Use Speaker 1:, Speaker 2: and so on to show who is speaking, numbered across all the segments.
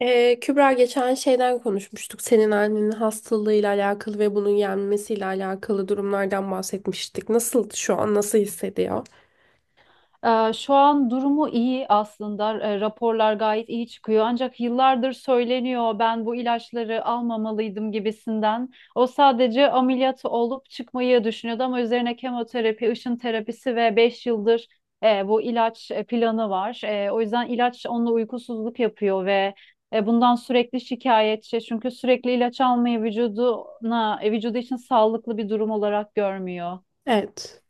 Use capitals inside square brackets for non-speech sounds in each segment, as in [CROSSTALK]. Speaker 1: Kübra geçen şeyden konuşmuştuk. Senin annenin hastalığıyla alakalı ve bunun yenmesiyle alakalı durumlardan bahsetmiştik. Şu an nasıl hissediyor?
Speaker 2: Şu an durumu iyi aslında. Raporlar gayet iyi çıkıyor. Ancak yıllardır söyleniyor ben bu ilaçları almamalıydım gibisinden. O sadece ameliyatı olup çıkmayı düşünüyordu ama üzerine kemoterapi, ışın terapisi ve 5 yıldır bu ilaç planı var. O yüzden ilaç onunla uykusuzluk yapıyor ve bundan sürekli şikayetçi. Çünkü sürekli ilaç almayı vücudu için sağlıklı bir durum olarak görmüyor.
Speaker 1: Evet.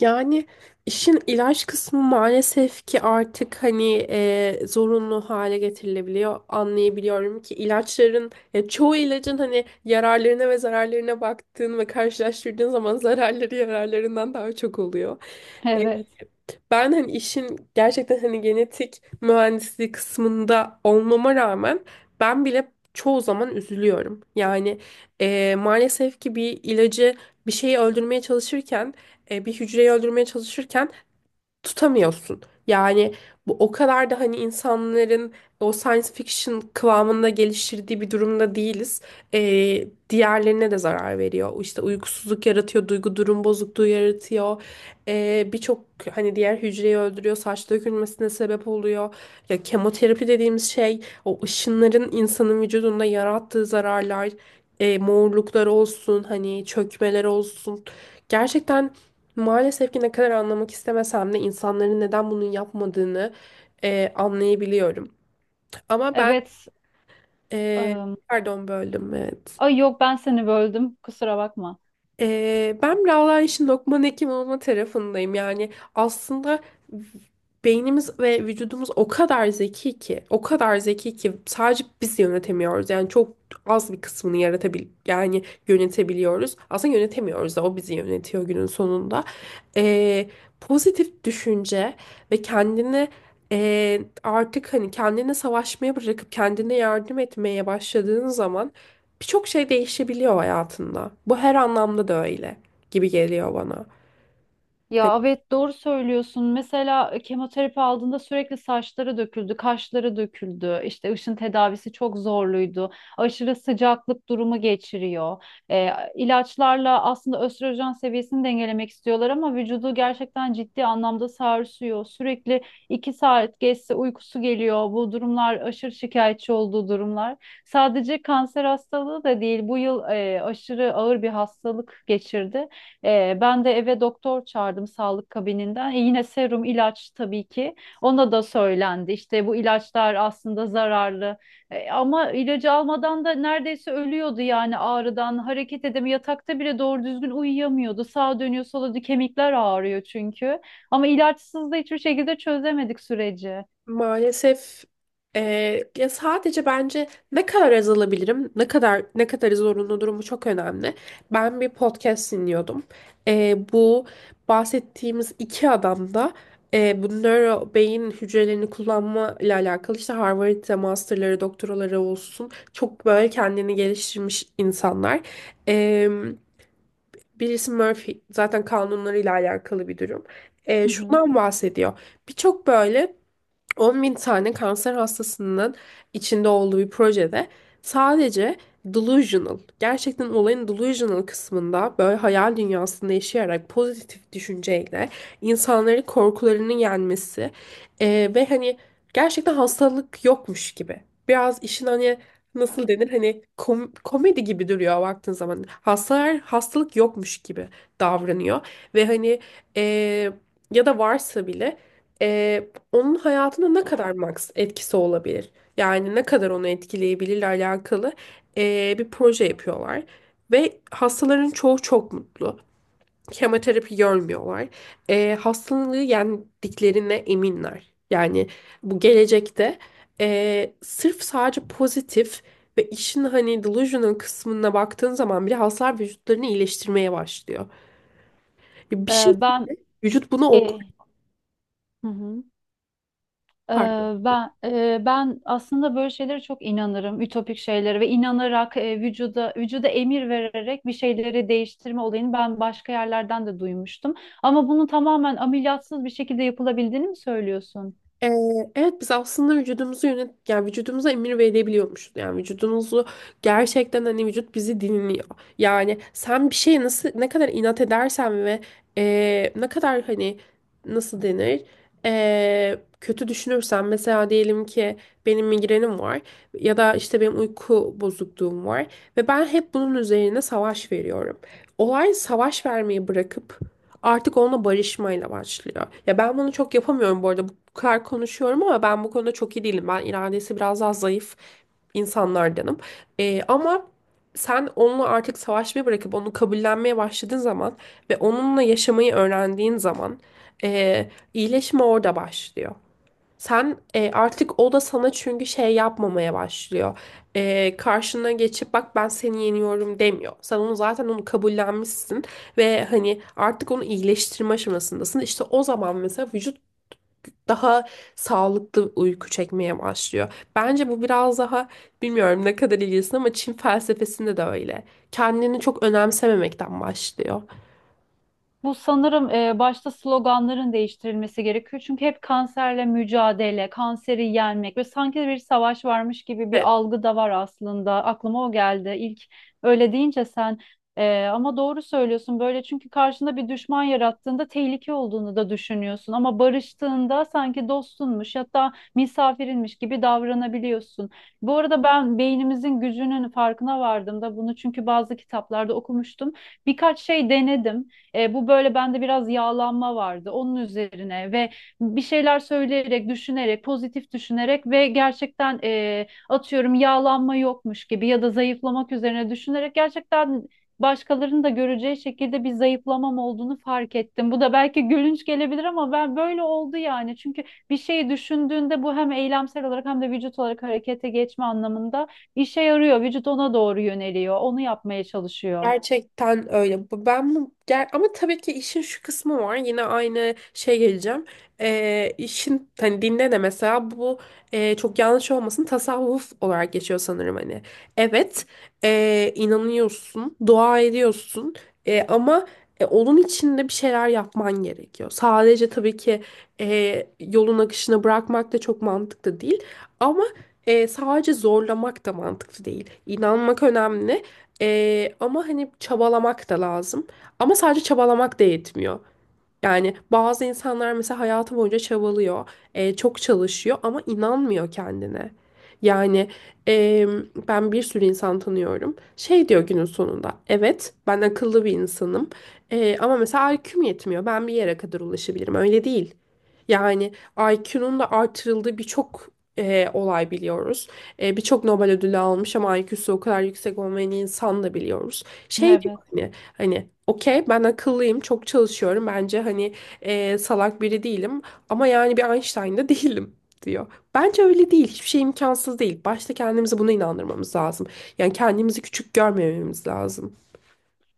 Speaker 1: Yani işin ilaç kısmı maalesef ki artık hani zorunlu hale getirilebiliyor. Anlayabiliyorum ki ilaçların ya çoğu ilacın hani yararlarına ve zararlarına baktığın ve karşılaştırdığın zaman zararları yararlarından daha çok oluyor. E,
Speaker 2: Evet.
Speaker 1: Ben hani işin gerçekten hani genetik mühendisliği kısmında olmama rağmen ben bile çoğu zaman üzülüyorum. Yani maalesef ki bir ilacı bir şeyi öldürmeye çalışırken bir hücreyi öldürmeye çalışırken tutamıyorsun. Yani bu o kadar da hani insanların o science fiction kıvamında geliştirdiği bir durumda değiliz. Diğerlerine de zarar veriyor. İşte uykusuzluk yaratıyor, duygu durum bozukluğu yaratıyor. Birçok hani diğer hücreyi öldürüyor, saç dökülmesine sebep oluyor. Ya kemoterapi dediğimiz şey o ışınların insanın vücudunda yarattığı zararlar, morluklar olsun, hani çökmeler olsun. Gerçekten. Maalesef ki ne kadar anlamak istemesem de insanların neden bunu yapmadığını anlayabiliyorum. Ama ben,
Speaker 2: Evet.
Speaker 1: e, pardon böldüm, evet.
Speaker 2: Ay yok, ben seni böldüm. Kusura bakma.
Speaker 1: Ben biraz daha işin Lokman hekim olma tarafındayım. Yani aslında beynimiz ve vücudumuz o kadar zeki ki, o kadar zeki ki sadece biz yönetemiyoruz. Yani çok az bir kısmını yani yönetebiliyoruz. Aslında yönetemiyoruz da o bizi yönetiyor günün sonunda. Ee, Pozitif düşünce ve kendini artık hani kendine savaşmaya bırakıp kendine yardım etmeye başladığın zaman birçok şey değişebiliyor hayatında. Bu her anlamda da öyle gibi geliyor bana. Hani.
Speaker 2: Ya evet, doğru söylüyorsun. Mesela kemoterapi aldığında sürekli saçları döküldü, kaşları döküldü. İşte ışın tedavisi çok zorluydu. Aşırı sıcaklık durumu geçiriyor. E, ilaçlarla aslında östrojen seviyesini dengelemek istiyorlar ama vücudu gerçekten ciddi anlamda sarsıyor. Sürekli iki saat geçse uykusu geliyor. Bu durumlar aşırı şikayetçi olduğu durumlar. Sadece kanser hastalığı da değil. Bu yıl aşırı ağır bir hastalık geçirdi. Ben de eve doktor çağırdım sağlık kabininden. Yine serum ilaç tabii ki. Ona da söylendi. İşte bu ilaçlar aslında zararlı. Ama ilacı almadan da neredeyse ölüyordu yani ağrıdan. Hareket edemiyor. Yatakta bile doğru düzgün uyuyamıyordu. Sağa dönüyor, sola dönüyor. Kemikler ağrıyor çünkü. Ama ilaçsız da hiçbir şekilde çözemedik süreci.
Speaker 1: Maalesef, ya sadece bence ne kadar azalabilirim, ne kadar zorunlu durumu çok önemli. Ben bir podcast dinliyordum. Bu bahsettiğimiz iki adam da, bu nöro beyin hücrelerini kullanma ile alakalı, işte Harvard'da masterları, doktoraları olsun, çok böyle kendini geliştirmiş insanlar. Eee, Birisi Murphy zaten kanunlarıyla alakalı bir durum.
Speaker 2: Hı hı.
Speaker 1: Şundan bahsediyor. Birçok böyle 10 bin tane kanser hastasının içinde olduğu bir projede sadece delusional, gerçekten olayın delusional kısmında böyle hayal dünyasında yaşayarak pozitif düşünceyle insanları korkularını yenmesi, ve hani gerçekten hastalık yokmuş gibi. Biraz işin hani nasıl denir hani komedi gibi duruyor baktığın zaman. Hastalar hastalık yokmuş gibi davranıyor ve hani, eee, ya da varsa bile, e, onun hayatına ne kadar max etkisi olabilir? Yani ne kadar onu etkileyebilirle alakalı bir proje yapıyorlar. Ve hastaların çoğu çok mutlu. Kemoterapi görmüyorlar. Hastalığı yendiklerine eminler. Yani bu gelecekte, sırf sadece pozitif ve işin hani delusional kısmına baktığın zaman bile, hastalar vücutlarını iyileştirmeye başlıyor. Bir
Speaker 2: Ee,
Speaker 1: şey
Speaker 2: ben
Speaker 1: Vücut bunu
Speaker 2: e,
Speaker 1: okuyor.
Speaker 2: hı hı.
Speaker 1: Pardon.
Speaker 2: Ee, ben aslında böyle şeylere çok inanırım, ütopik şeylere ve inanarak vücuda emir vererek bir şeyleri değiştirme olayını ben başka yerlerden de duymuştum. Ama bunun tamamen ameliyatsız bir şekilde yapılabildiğini mi söylüyorsun?
Speaker 1: Ee, evet, biz aslında vücudumuzu yani vücudumuza emir verebiliyormuşuz. Yani vücudumuzu gerçekten hani vücut bizi dinliyor. Yani sen bir şeye nasıl ne kadar inat edersen ve ne kadar hani nasıl denir kötü düşünürsen, mesela diyelim ki benim migrenim var ya da işte benim uyku bozukluğum var ve ben hep bunun üzerine savaş veriyorum. Olay savaş vermeyi bırakıp artık onunla barışmayla başlıyor. Ya ben bunu çok yapamıyorum bu arada. Bu kadar konuşuyorum ama ben bu konuda çok iyi değilim. Ben iradesi biraz daha zayıf insanlardanım. Ama sen onunla artık savaşmayı bırakıp onu kabullenmeye başladığın zaman ve onunla yaşamayı öğrendiğin zaman iyileşme orada başlıyor. Sen, artık o da sana çünkü şey yapmamaya başlıyor. Karşına geçip bak ben seni yeniyorum demiyor. Sen onu, zaten onu kabullenmişsin ve hani artık onu iyileştirme aşamasındasın. İşte o zaman mesela vücut daha sağlıklı uyku çekmeye başlıyor. Bence bu biraz daha, bilmiyorum ne kadar ilgilisin ama, Çin felsefesinde de öyle. Kendini çok önemsememekten başlıyor.
Speaker 2: Bu sanırım başta sloganların değiştirilmesi gerekiyor. Çünkü hep kanserle mücadele, kanseri yenmek ve sanki bir savaş varmış gibi bir algı da var aslında. Aklıma o geldi. İlk öyle deyince ama doğru söylüyorsun böyle çünkü karşında bir düşman yarattığında tehlike olduğunu da düşünüyorsun ama barıştığında sanki dostunmuş, hatta misafirinmiş gibi davranabiliyorsun. Bu arada ben beynimizin gücünün farkına vardım da bunu çünkü bazı kitaplarda okumuştum. Birkaç şey denedim. Bu böyle bende biraz yağlanma vardı onun üzerine ve bir şeyler söyleyerek, düşünerek, pozitif düşünerek ve gerçekten atıyorum yağlanma yokmuş gibi ya da zayıflamak üzerine düşünerek gerçekten başkalarının da göreceği şekilde bir zayıflamam olduğunu fark ettim. Bu da belki gülünç gelebilir ama ben böyle oldu yani. Çünkü bir şeyi düşündüğünde bu hem eylemsel olarak hem de vücut olarak harekete geçme anlamında işe yarıyor. Vücut ona doğru yöneliyor, onu yapmaya çalışıyor.
Speaker 1: Gerçekten öyle. Ben bu ama tabii ki işin şu kısmı var. Yine aynı şey geleceğim. İşin hani dinde de mesela bu, çok yanlış olmasın, tasavvuf olarak geçiyor sanırım hani. Evet, inanıyorsun, dua ediyorsun. Ama, onun içinde bir şeyler yapman gerekiyor. Sadece tabii ki yolun akışına bırakmak da çok mantıklı değil. Ama sadece zorlamak da mantıklı değil. İnanmak önemli. Ama hani çabalamak da lazım. Ama sadece çabalamak da yetmiyor. Yani bazı insanlar mesela hayatı boyunca çabalıyor, çok çalışıyor ama inanmıyor kendine. Yani, e, ben bir sürü insan tanıyorum. Şey diyor günün sonunda, evet ben akıllı bir insanım, ama mesela IQ'm yetmiyor. Ben bir yere kadar ulaşabilirim. Öyle değil. Yani IQ'nun da artırıldığı birçok olay biliyoruz. Birçok Nobel ödülü almış ama IQ'su o kadar yüksek olmayan insan da biliyoruz. Şey diyor
Speaker 2: Evet.
Speaker 1: hani. Hani okey, ben akıllıyım, çok çalışıyorum. Bence hani, salak biri değilim ama yani bir Einstein de [LAUGHS] değilim diyor. Bence öyle değil. Hiçbir şey imkansız değil. Başta kendimizi buna inandırmamız lazım. Yani kendimizi küçük görmememiz lazım.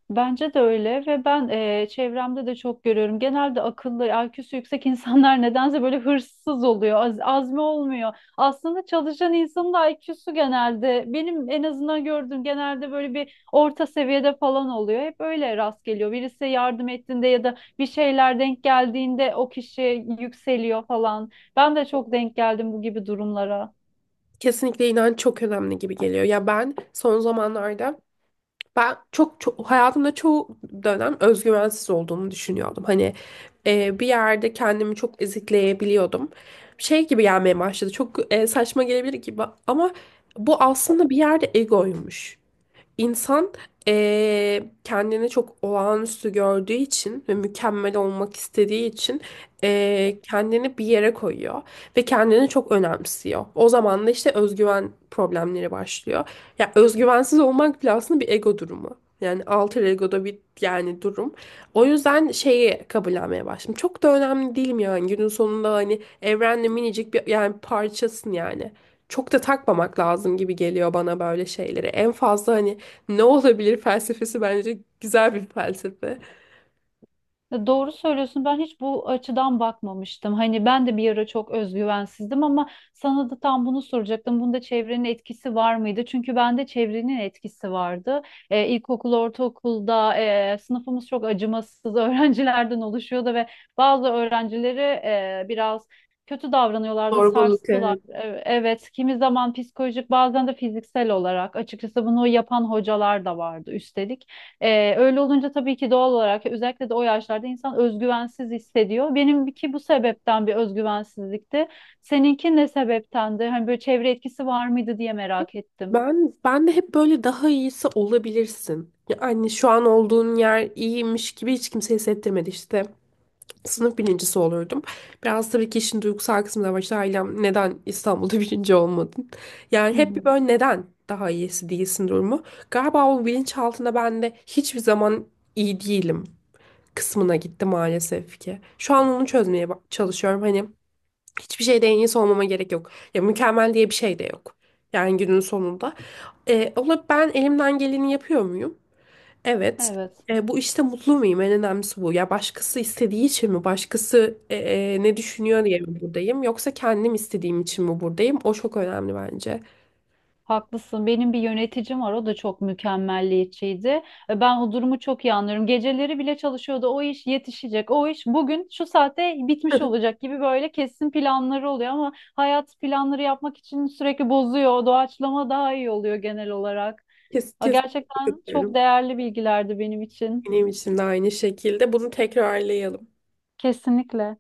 Speaker 2: Bence de öyle ve ben çevremde de çok görüyorum. Genelde akıllı, IQ'su yüksek [LAUGHS] insanlar nedense böyle hırsız oluyor, azmi olmuyor. Aslında çalışan insanın da IQ'su genelde benim en azından gördüğüm genelde böyle bir orta seviyede falan oluyor. Hep öyle rast geliyor. Birisi yardım ettiğinde ya da bir şeyler denk geldiğinde o kişi yükseliyor falan. Ben de çok denk geldim bu gibi durumlara.
Speaker 1: Kesinlikle inanç çok önemli gibi geliyor. Ya ben son zamanlarda, ben çok, çok hayatımda çoğu dönem özgüvensiz olduğumu düşünüyordum. Hani, bir yerde kendimi çok ezikleyebiliyordum. Şey gibi gelmeye başladı. Çok saçma gelebilir gibi ama bu aslında bir yerde egoymuş. İnsan, kendini çok olağanüstü gördüğü için ve mükemmel olmak istediği için, kendini bir yere koyuyor ve kendini çok önemsiyor. O zaman da işte özgüven problemleri başlıyor. Ya özgüvensiz olmak bile aslında bir ego durumu. Yani alter ego'da bir yani durum. O yüzden şeyi kabullenmeye başladım. Çok da önemli değilim yani günün sonunda, hani evrenle minicik bir yani parçasın, yani çok da takmamak lazım gibi geliyor bana böyle şeyleri. En fazla hani ne olabilir felsefesi bence güzel bir felsefe.
Speaker 2: Ya doğru söylüyorsun. Ben hiç bu açıdan bakmamıştım. Hani ben de bir ara çok özgüvensizdim ama sana da tam bunu soracaktım. Bunda çevrenin etkisi var mıydı? Çünkü bende çevrenin etkisi vardı. İlkokul, ortaokulda sınıfımız çok acımasız [LAUGHS] öğrencilerden oluşuyordu ve bazı öğrencileri biraz kötü davranıyorlardı,
Speaker 1: Zorbalık,
Speaker 2: sarstılar.
Speaker 1: evet.
Speaker 2: Evet, kimi zaman psikolojik, bazen de fiziksel olarak. Açıkçası bunu yapan hocalar da vardı üstelik. Öyle olunca tabii ki doğal olarak özellikle de o yaşlarda insan özgüvensiz hissediyor. Benimki bu sebepten bir özgüvensizlikti. Seninki ne sebeptendi? Hani böyle çevre etkisi var mıydı diye merak ettim.
Speaker 1: Ben de hep böyle daha iyisi olabilirsin. Yani şu an olduğun yer iyiymiş gibi hiç kimse hissettirmedi işte. Sınıf birincisi olurdum. Biraz tabii ki işin duygusal kısmı da var. İşte ailem, neden İstanbul'da [LAUGHS] birinci olmadın? Yani
Speaker 2: Hı
Speaker 1: hep bir
Speaker 2: hı.
Speaker 1: böyle neden daha iyisi değilsin durumu. Galiba o bilinçaltında ben de hiçbir zaman iyi değilim kısmına gitti maalesef ki. Şu an onu çözmeye çalışıyorum. Hani hiçbir şeyde en iyisi olmama gerek yok. Ya mükemmel diye bir şey de yok. Yani günün sonunda. Ama ben elimden geleni yapıyor muyum? Evet.
Speaker 2: Evet.
Speaker 1: Bu işte mutlu muyum? En önemlisi bu. Ya başkası istediği için mi? Başkası, ne düşünüyor diye mi buradayım? Yoksa kendim istediğim için mi buradayım? O çok önemli bence.
Speaker 2: Haklısın. Benim bir yöneticim var. O da çok mükemmelliyetçiydi. Ben o durumu çok iyi anlıyorum. Geceleri bile çalışıyordu. O iş yetişecek. O iş bugün şu saate bitmiş
Speaker 1: [LAUGHS]
Speaker 2: olacak gibi böyle kesin planları oluyor ama hayat planları yapmak için sürekli bozuyor. Doğaçlama daha iyi oluyor genel olarak.
Speaker 1: Kes,
Speaker 2: Aa,
Speaker 1: kes.
Speaker 2: gerçekten çok değerli bilgilerdi benim için.
Speaker 1: Benim için de aynı şekilde. Bunu tekrarlayalım.
Speaker 2: Kesinlikle.